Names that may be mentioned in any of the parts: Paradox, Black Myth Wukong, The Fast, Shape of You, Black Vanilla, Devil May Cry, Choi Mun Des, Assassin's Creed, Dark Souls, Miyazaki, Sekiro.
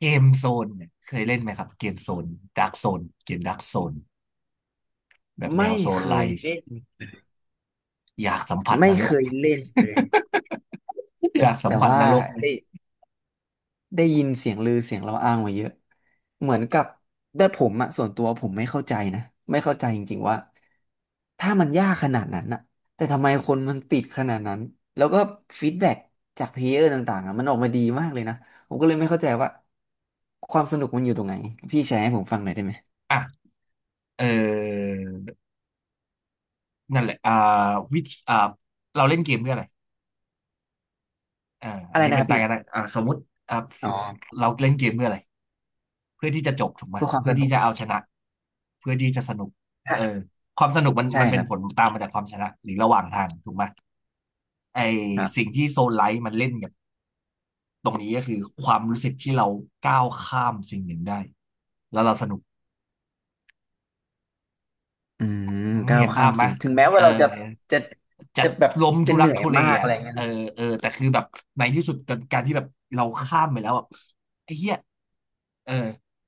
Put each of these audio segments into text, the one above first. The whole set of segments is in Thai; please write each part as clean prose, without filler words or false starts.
เกมโซนเนี่ยเคยเล่นไหมครับเกมโซนดาร์กโซนเกมดาร์กโซนแบบแนไม่วโซเคนไลยท์เล่นอยากสัมผัสนรก เลย แต่อยากสัมแต่ผัสว่านรกเลยได้ได้ยินเสียงลือเสียงเราอ้างมาเยอะเหมือนกับแต่ผมอะส่วนตัวผมไม่เข้าใจนะไม่เข้าใจจริงๆว่าถ้ามันยากขนาดนั้นอะแต่ทำไมคนมันติดขนาดนั้นแล้วก็ฟีดแบ็กจากเพลเยอร์ต่างๆอะมันออกมาดีมากเลยนะผมก็เลยไม่เข้าใจว่าความสนุกมันอยู่ตรงไหนพี่แชร์ให้ผมฟังหน่อยได้ไหมอ่ะเออนั่นแหละวิธีเราเล่นเกมเพื่ออะไรอ่าอัอะนไรนี้นะคเป็นรับตายพี่กันนะอ่าสมมติอ่าอ๋อเราเล่นเกมเพื่ออะไรเพื่อที่จะจบถูกไหมเพื่อความเพื่สอที่นุกจะเอาชนะเพื่อที่จะสนุกอ่ะเออความสนุกมันใช่มันคเป็นรับผลตามมาจากความชนะหรือระหว่างทางถูกไหมไอครับ สิ่งที่โซนไลท์มันเล่นกับ ตรงนี้ก็คือความรู้สึกที่เราก้าวข้ามสิ่งหนึ่งได้แล้วเราสนุกอืมก้าวเห็นข้าภามพไหมสิ่งถึงแม้เอว่าอเราจะจะจะจะแบบล้มจะทุเหรักนื่อยทุเลมากอะอ่ะไรเงี้ยเออเออแต่คือแบบในที่สุดการที่แบบเราข้ามไปแล้วแบบไอ้เหี้ยเออ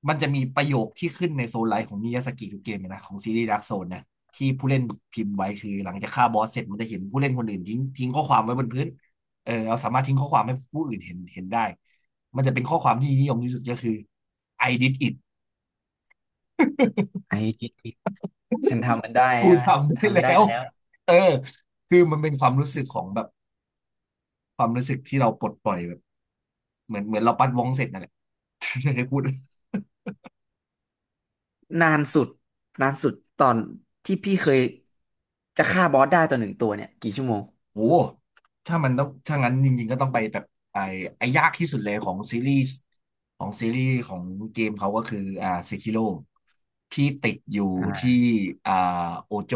มันจะมีประโยคที่ขึ้นในโซนไลน์ของมิยาสกิทุกเกมนะของซีรีส์ดาร์กโซนนะที่ผู้เล่นพิมพ์ไว้คือหลังจากฆ่าบอสเสร็จมันจะเห็นผู้เล่นคนอื่นทิ้งข้อความไว้บนพื้นเออเราสามารถทิ้งข้อความให้ผู้อื่นเห็นได้มันจะเป็นข้อความที่นิยมที่สุดก็คือ I did it ไอ้ฉันทำมันได้กูใช่ไหมทำได้แล้ทำได้วแล้วเออคือมันเป็นความรู้สึกของแบบความรู้สึกที่เราปลดปล่อยแบบเหมือนเราปัดวงเสร็จนั่นแหละ ใครพูด นานสุดนานสุดตอนที่พี่เคยจะฆ่าบอสได้ต่อหนึ่งตัวเนี่ยกี่ชั่วโมงโอ้ถ้ามันต้องถ้างั้นจริงๆก็ต้องไปแบบไอ้ไอ้ยากที่สุดเลยของซีรีส์ของเกมเขาก็คืออ่าเซคิโร่ที่ติดอยู่ที่อ่าอ่าโอโจ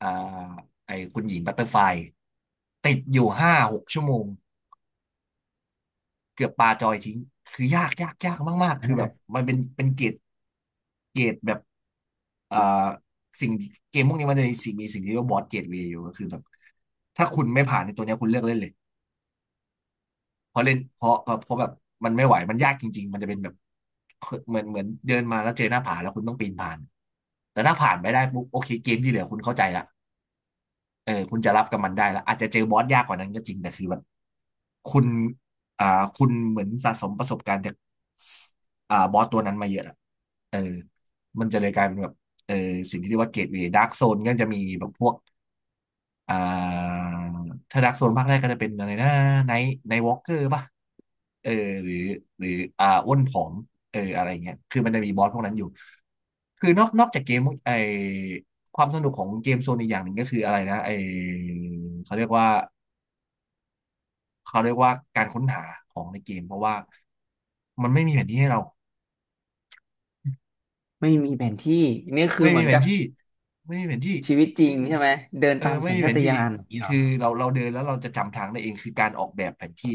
อ่าไอ้คุณหญิงบัตเตอร์ไฟติดอยู่5-6 ชั่วโมง เกือบปาจอยทิ้งคือยากมากๆคือแบบมันเป็นเกรดเกรดแบบเอ่อสิ่งเกมพวกนี้มันจะมีสิ่งที่เรียกว่าบอสเกรดเวย์อยู่ก็คือแบบถ้าคุณไม่ผ่านในตัวเนี้ยคุณเลิกเล่นเลยเพราะเล่นเพราะเพราะแบบมันไม่ไหวมันยากจริงๆมันจะเป็นแบบเหมือนเดินมาแล้วเจอหน้าผาแล้วคุณต้องปีนผ่านแต่ถ้าผ่านไปได้ปุ๊บโอเคเกมที่เหลือคุณเข้าใจละ เออคุณจะรับกับมันได้แล้วอาจจะเจอบอสยากกว่านั้นก็จริงแต่คือแบบคุณอ่าคุณเหมือนสะสมประสบการณ์จากอ่าบอสตัวนั้นมาเยอะอะเออมันจะเลยกลายเป็นแบบเออสิ่งที่เรียกว่าเกตเวย์ดาร์กโซนก็จะมีแบบพวก อ่าถ้าดักโซนภาคแรกก็จะเป็นอะไรนะไนท์วอล์กเกอร์ป่ะเออหรือหรืออ่าอ้วนผอมเอออะไรเงี้ยคือมันจะมีบอสพวกนั้นอยู่คือนอกจากเกมไอความสนุกของเกมโซนอีกอย่างหนึ่งก็คืออะไรนะไอเขาเรียกว่าเขาเรียกว่าการค้นหาของในเกมเพราะว่ามันไม่มีแผนที่ให้เราไม่มีแผนที่นี่คืไม่อเหมีมือนแผกันบที่ไม่มีแผนที่ ชีวิตจริงใช่ไหมเดินเออตามไม่สัญมีชาแผตนที่ญาณอย่างนี้เหรอคือเราเดินแล้วเราจะจำทางได้เองคือการออกแบบแผนที่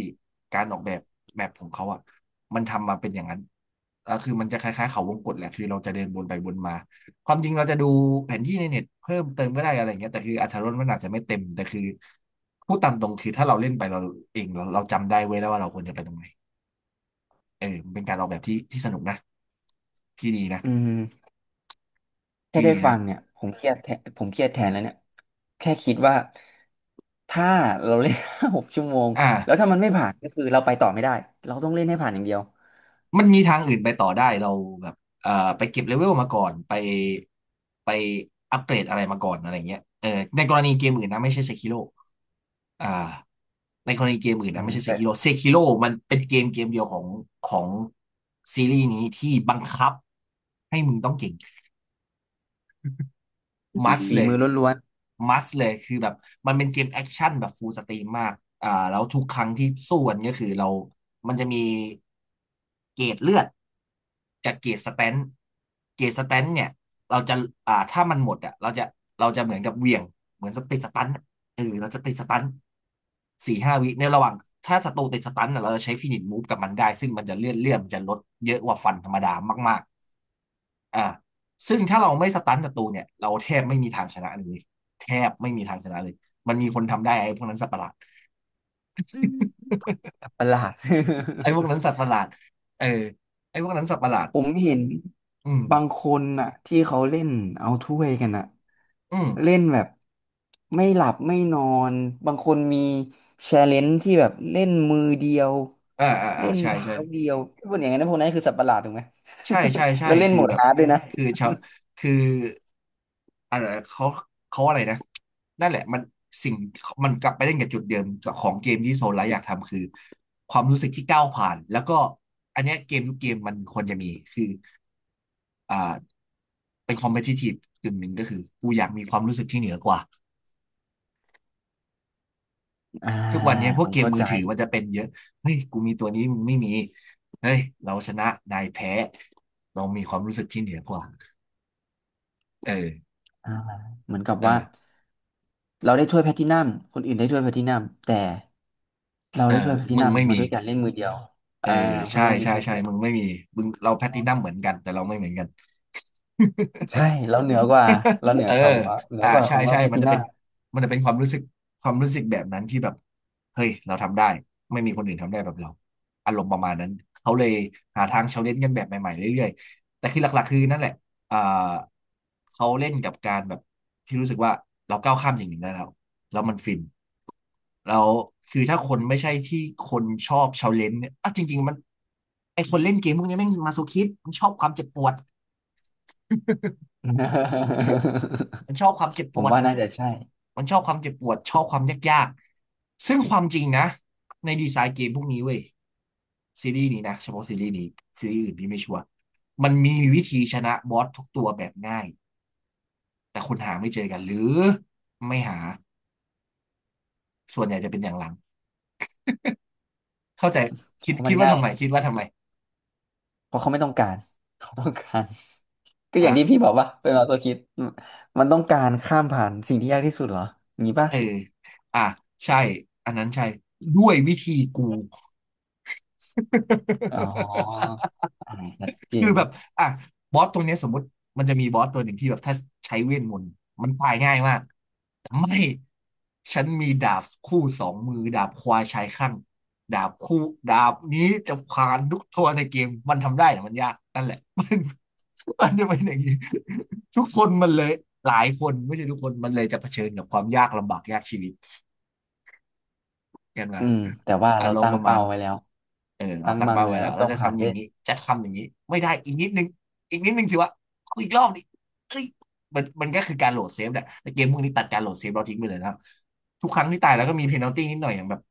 การออกแบบแมปของเขาอ่ะมันทำมาเป็นอย่างนั้นแล้วคือมันจะคล้ายๆเขาวงกตแหละคือเราจะเดินวนไปวนมาความจริงเราจะดูแผนที่ในเน็ตเพิ่มเติมก็ได้อะไรเงี้ยแต่คืออรรถรสมันอาจจะไม่เต็มแต่คือพูดตามตรงคือถ้าเราเล่นไปเราเองเราจำได้เว้ยแล้วว่าเราควรจะไปตรงไหนเออมันเป็นการออกแบบที่สนุกนะที่ดีนะอืม แค่ที่ได้ดีฟันะงเนี่ยผมเครียดแทนผมเครียดแทนแล้วเนี่ยแค่คิดว่าถ้าเราเล่น ห้าหกชั่วโมงแล้วอ่า ถ้ามันไม่ผ่านก็คือเราไปต่อไม่ได้เราต้องเล่นให้ผ่านอย่างเดียวมันมีทางอื่นไปต่อได้เราแบบเอ่อไปเก็บเลเวลมาก่อนไปอัปเกรดอะไรมาก่อนอะไรเงี้ยเออในกรณีเกมอื่นนะไม่ใช่เซคิโ o อ่าในกรณีเกมอื่นอืนะมไม่ใช่แต่เซคิโ o มันเป็นเกมเดียวของซีรีส์นี้ที่บังคับให้มึงต้องเก่ง มัสฝีเลยมือล้วนมัสเลยคือแบบมันเป็นเกมแอคชั่นแบบฟูลสตรีมมากอ่าแล้วทุกครั้งที่สู้กันก็คือเรามันจะมีเกรดเลือดกับเกรดสแตนท์เกรดสแตนท์เนี่ยเราจะอ่าถ้ามันหมดอ่ะเราจะเหมือนกับเหวี่ยง เหมือนสติดสตันท์อะเออเราจะติดสตันท์4-5 วิในระหว่างถ้าศัตรูติดสตันท์อะเราจะใช้ฟินิชมูฟกับมันได้ซึ่งมันจะเลื่อนมันจะลดเยอะกว่าฟันธรรมดามากๆอ่า ซึ่งถ้าเราไม่สตันศัตรูเนี่ยเราแทบไม่มีทางชนะเลยแทบไม่มีทางชนะเลยมันมีคนทำได้ไอ้พวกนั้นสัตว์ประหลาดๆประหลาด ไอ้พวกนั้นสัต ว์ประหลาดเออไอ้พวกนั้นสัตว์ประหลาดผมเห็นอืมบางคนน่ะที่เขาเล่นเอาถ้วยกันน่ะอืมเล่นแบบไม่หลับไม่นอนบางคนมีแชร์เลนจ์ที่แบบเล่นมือเดียวเล่นใช่เท้าใช่เดียวพวกอย่างนั้นพวกนั้นคือสัตว์ประหลาดถูกไหม ใช่ใช่ ใช่แล้วเล่นคือโหมดแบบฮาร์ดด้วยนะคือชาวคืออะไรเขาเขาอะไรนะนั่นแหละมันสิ่งมันกลับไปเล่นกับจุดเดิมของเกมที่โซลไลท์อยากทำคือความรู้สึกที่ก้าวผ่านแล้วก็อันเนี้ยเกมทุกเกมมันควรจะมีคืออ่า เป็น competitive กึ่งหนึ่งก็คือกูอยากมีความรู้สึกที่เหนือกว่าอ่าทุกวันนี้พวผกมเกมเข้ามืใจอถือมันจะเป็นเยอะเฮ้ยกูมีตัวนี้มึงไม่มีเฮ้ยเราชนะนายแพ้เรามีความรู้สึกที่เหนือกว่าเอออ่าเหมือนกับเอว่าอเราได้ถ้วยแพลตินัมคนอื่นได้ถ้วยแพลตินัมแต่เราเออได้ถ้วยแพลติมึงนัมไม่มามีด้วยการเล่นมือเดียวเอออ่าเพนใช่ลง ใช่ YouTube ใช่มึงไม่มีมึงเราแพลตินัมเหมือนกันแต่เราไม่เหมือนกัน ใช่แล้วเหนือกว่าแล้วเหนือเออคำว่าเหนือกว่าขใช่องเราใช่แพมันทิจะนัเป็นม มันจะเป็นความรู้สึกความรู้สึกแบบนั้นที่แบบเฮ้ย เราทำได้ ไม่มีคนอื่นทำได้แบบเราอารมณ์ประมาณนั้น เขาเลยหาทางเชลเลนจ์กันแบบใหม่ๆเรื่อยๆ แต่คือหลักๆคือนั่นแหละอ่าเขาเล่นกับการแบบที่รู้สึกว่าเราก้าวข้ามสิ่งหนึ่งได้แล้วแล้วมันฟินแล้วคือถ้าคนไม่ใช่ที่คนชอบเชลเลนจ์เนี่ยอ่ะจริงๆมันไอคนเล่นเกมพวกนี้แม่งมาโซคิสต์มันชอบความเจ็บปวด มันชอบความเจ็บผปมวด ว่าน่าจะใช่มันชอบความเจ็บปวดชอบความยากๆ ซึ่งความจริงนะในดีไซน์เกมพวกนี้เว้ยซีรีส์นี้นะเฉพาะซีรีส์นี้ซีรีส์อื่นพี่ไม่ชัวร์มันมีวิธีชนะบอสทุกตัวแบบง่ายแต่คุณหาไม่เจอกันหรือไม่หาส่วนใหญ่จะเป็นอย่างหลังเข้าใจคิเพดราะมัคิดนว่าง่ายทำไมคิดว่าทำไมเพราะเขาไม่ต้องการเขาต้องการ ก็อย่างอ่ะที่พี่บอกว่าเป็นออโตคิดมันต้องการข้ามผ่านสิ่งที่ยากที่สุดเหรออย่างนี้ป่ะเอออ่ะใช่อันนั้นใช่ด้วยวิธีกู อ๋ออ่าชัดเจคือนแบบอ่ะบอสตัวเนี้ยสมมติมันจะมีบอสตัวหนึ่งที่แบบถ้าใช้เวทมนต์มันตายง่ายมากแต่ไม่ ฉันมีดาบคู่สองมือดาบควายชายข้างดาบคู่ดาบนี้จะผ่านทุกตัวในเกมมันทำได้แต่มันยากนั่นแหละ มันจะเป็นอย่างนี้ทุกคนมันเลยหลายคนไม่ใช่ทุกคนมันเลยจะเผชิญกับความยากลำบากยากชีวิต กันมาอืมแต่ว่าอาเรารมตั้ณ์ปงระมาเป้าณไว้แล้วเออเราตั้งตั้งมันเป้าไว้ไว้แล้แล้ววต้เราองจะผ่านทำอด้วย่างยนี้จะทำอย่างนี้ไม่ได้อีกนิดนึงอีกนิดนึงสิวะเอาอีกรอบดิเอ้ยมันก็คือการโหลดเซฟแหละแต่เกมพวกนี้ตัดการโหลดเซฟเราทิ้งไปเลยนะครับทุกครั้งที่ตายแล้วก็มีเพนัลตี้นิดหน่อยอย่างแบบ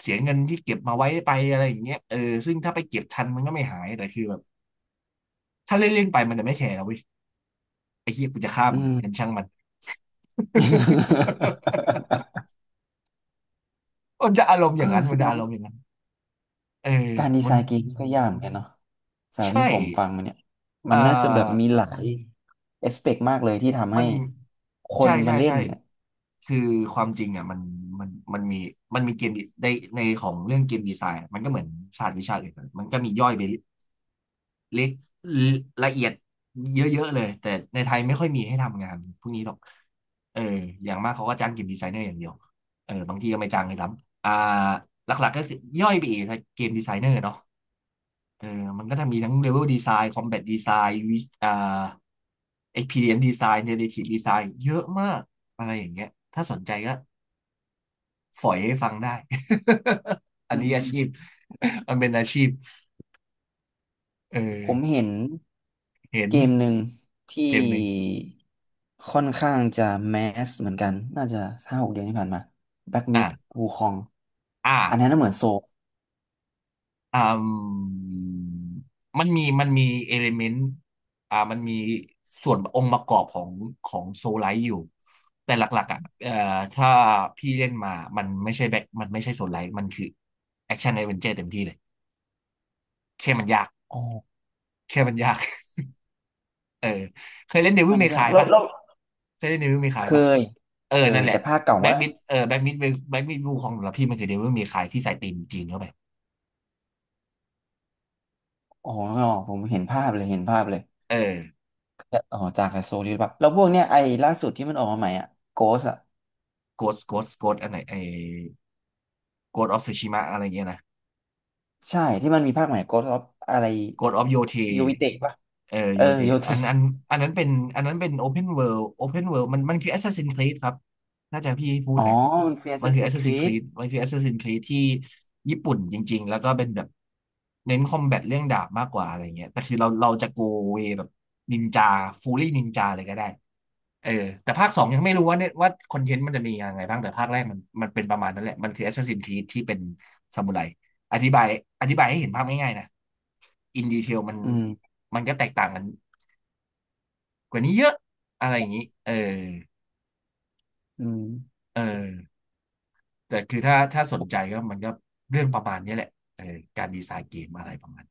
เสียเงินที่เก็บมาไว้ไปอะไรอย่างเงี้ยเออซึ่งถ้าไปเก็บทันมันก็ไม่หายแต่คือแบบถ้าเล่นเล่นไปมันจะไม่แคร์แล้วเว้ยไอ้เหี้ยกูจะฆ่าอืมึงงั้นม ช่างมัน มันจะอารม ณ์อเออย่างนั้นแสมันดจะงอารว่า มณ์อย่างนั้นเออการดีมัไซนน์เกมนี่ก็ยากเหมือนกันเนาะจากใช่ที่ผมฟังมาเนี่ย มัเอ่อ นน่าจะแบบมีหลายเอสเปกมากเลยที่ทำมัให้นคใช่นมาใช่เล่ใช่นเนี่ยคือความจริงอ่ะมันมันมีมันมีเกมในของเรื่องเกมดีไซน์มันก็เหมือนศาสตร์วิชาอื่นมันก็มีย่อยไปเล็กละเอียดเยอะๆเลยแต่ในไทยไม่ค่อยมีให้ทำงานพวกนี้หรอกเอออย่างมากเขาก็จ้างเกมดีไซเนอร์อย่างเดียวเออบางทีก็ไม่จ้างเลยซ้ำอ่าหลักๆก็คือย่อยไปอีกเกมดีไซเนอร์เนาะ เออมันก็จะมีทั้ง Level Design Combat Design วิอ่า Experience Design Narrative Design เยอะมากอะไรอย่างเงี้ยถ้าสนใจก็ฝอยให้ฟังได้ อันอืนี้อามชีพมันเป็นอาชีพเออผมเห็นเห็นเกมหนึ่งเกที่มหนึ่งค่อนข้างจะแมสเหมือนกันน่าจะห้าหกเดือนที่ผ่านมา Black อ่ะ Myth Wukong อ่ะ อันนั้นน่ะเหมือนโซลอ่ามันมี มันมีเอลิเมนต์มันมีส่วนองค์ประกอบของของโซลไลท์อยู่ แต่หลักๆอ่ะถ้าพี่เล่นมา มันไม่ใช่แบ็คมันไม่ใช่โซลไลท์มันคือแอคชั่นแอดเวนเจอร์เต็มที่เลยแค่มันยากอ๋อแค่มันยาก เออเคยเล่นเดวิลมันเมยาคากยแล้วปะแล้วเคยเล่นเดวิลเมคาเคยปะยเอเคอนั่ยนแหละแต่ภาคเก่าแบ็กว่ามิดเออแบ็กมิดแบ็กมิดวูของสำหรับพี่มันคือเดวิลเมคายที่ใส่ธีมจีนเข้าไปอ๋อผมเห็นภาพเลยเห็นภาพเลย เออแล้วอ๋อจากกับโซลิดแบบแล้วพวกเนี้ยไอ้ล่าสุดที่มันออกมาใหม่อ่ะโกสอ่ะโกสอันไหนไอโกสออฟซูชิมะอะไรเงี้ยนะ ใช่ที่มันมีภาคใหม่โกสออฟอะไรกดออฟโยเทยูวิเตะปะเออเอโยอเทโยเทอันอันอันนั้นเป็นอันนั้นเป็นโอเพนเวิลดโอเพนเวิดมันคือ Assassin's Creed ครับน่าจะพี่พูดอ๋อนะมันคือแอสมันซัคือ สินครี Assassin's ด Creed มันคือ Assassin's Creed ที่ญี่ปุ่นจริงๆแล้วก็เป็นแบบเน้นคอมแบทเรื่องดาบมากกว่าอะไรเงี้ยแต่คือเราจะโกเวแบบนินจาฟูลี่นินจาเลยก็ได้เออแต่ภาคสองยังไม่รู้ว่าเนี่ยว่าคอนเทนต์มันจะมียังไงบ้างแต่ภาคแรกมันเป็นประมาณนั้นแหละมันคือ Assassin's Creed ที่เป็นซามูไร อธิบายอธิบายให้เห็นภาพง่ายๆนะอินดีเทลอืมมันก็แตกต่างกันกว่านี้เยอะอะไรอย่างนี้เอออืมเออแต่คือถ้าสนใจก็มันก็เรื่องประมาณนี้แหละเออการดีไซน์เกมอะไรประมาณ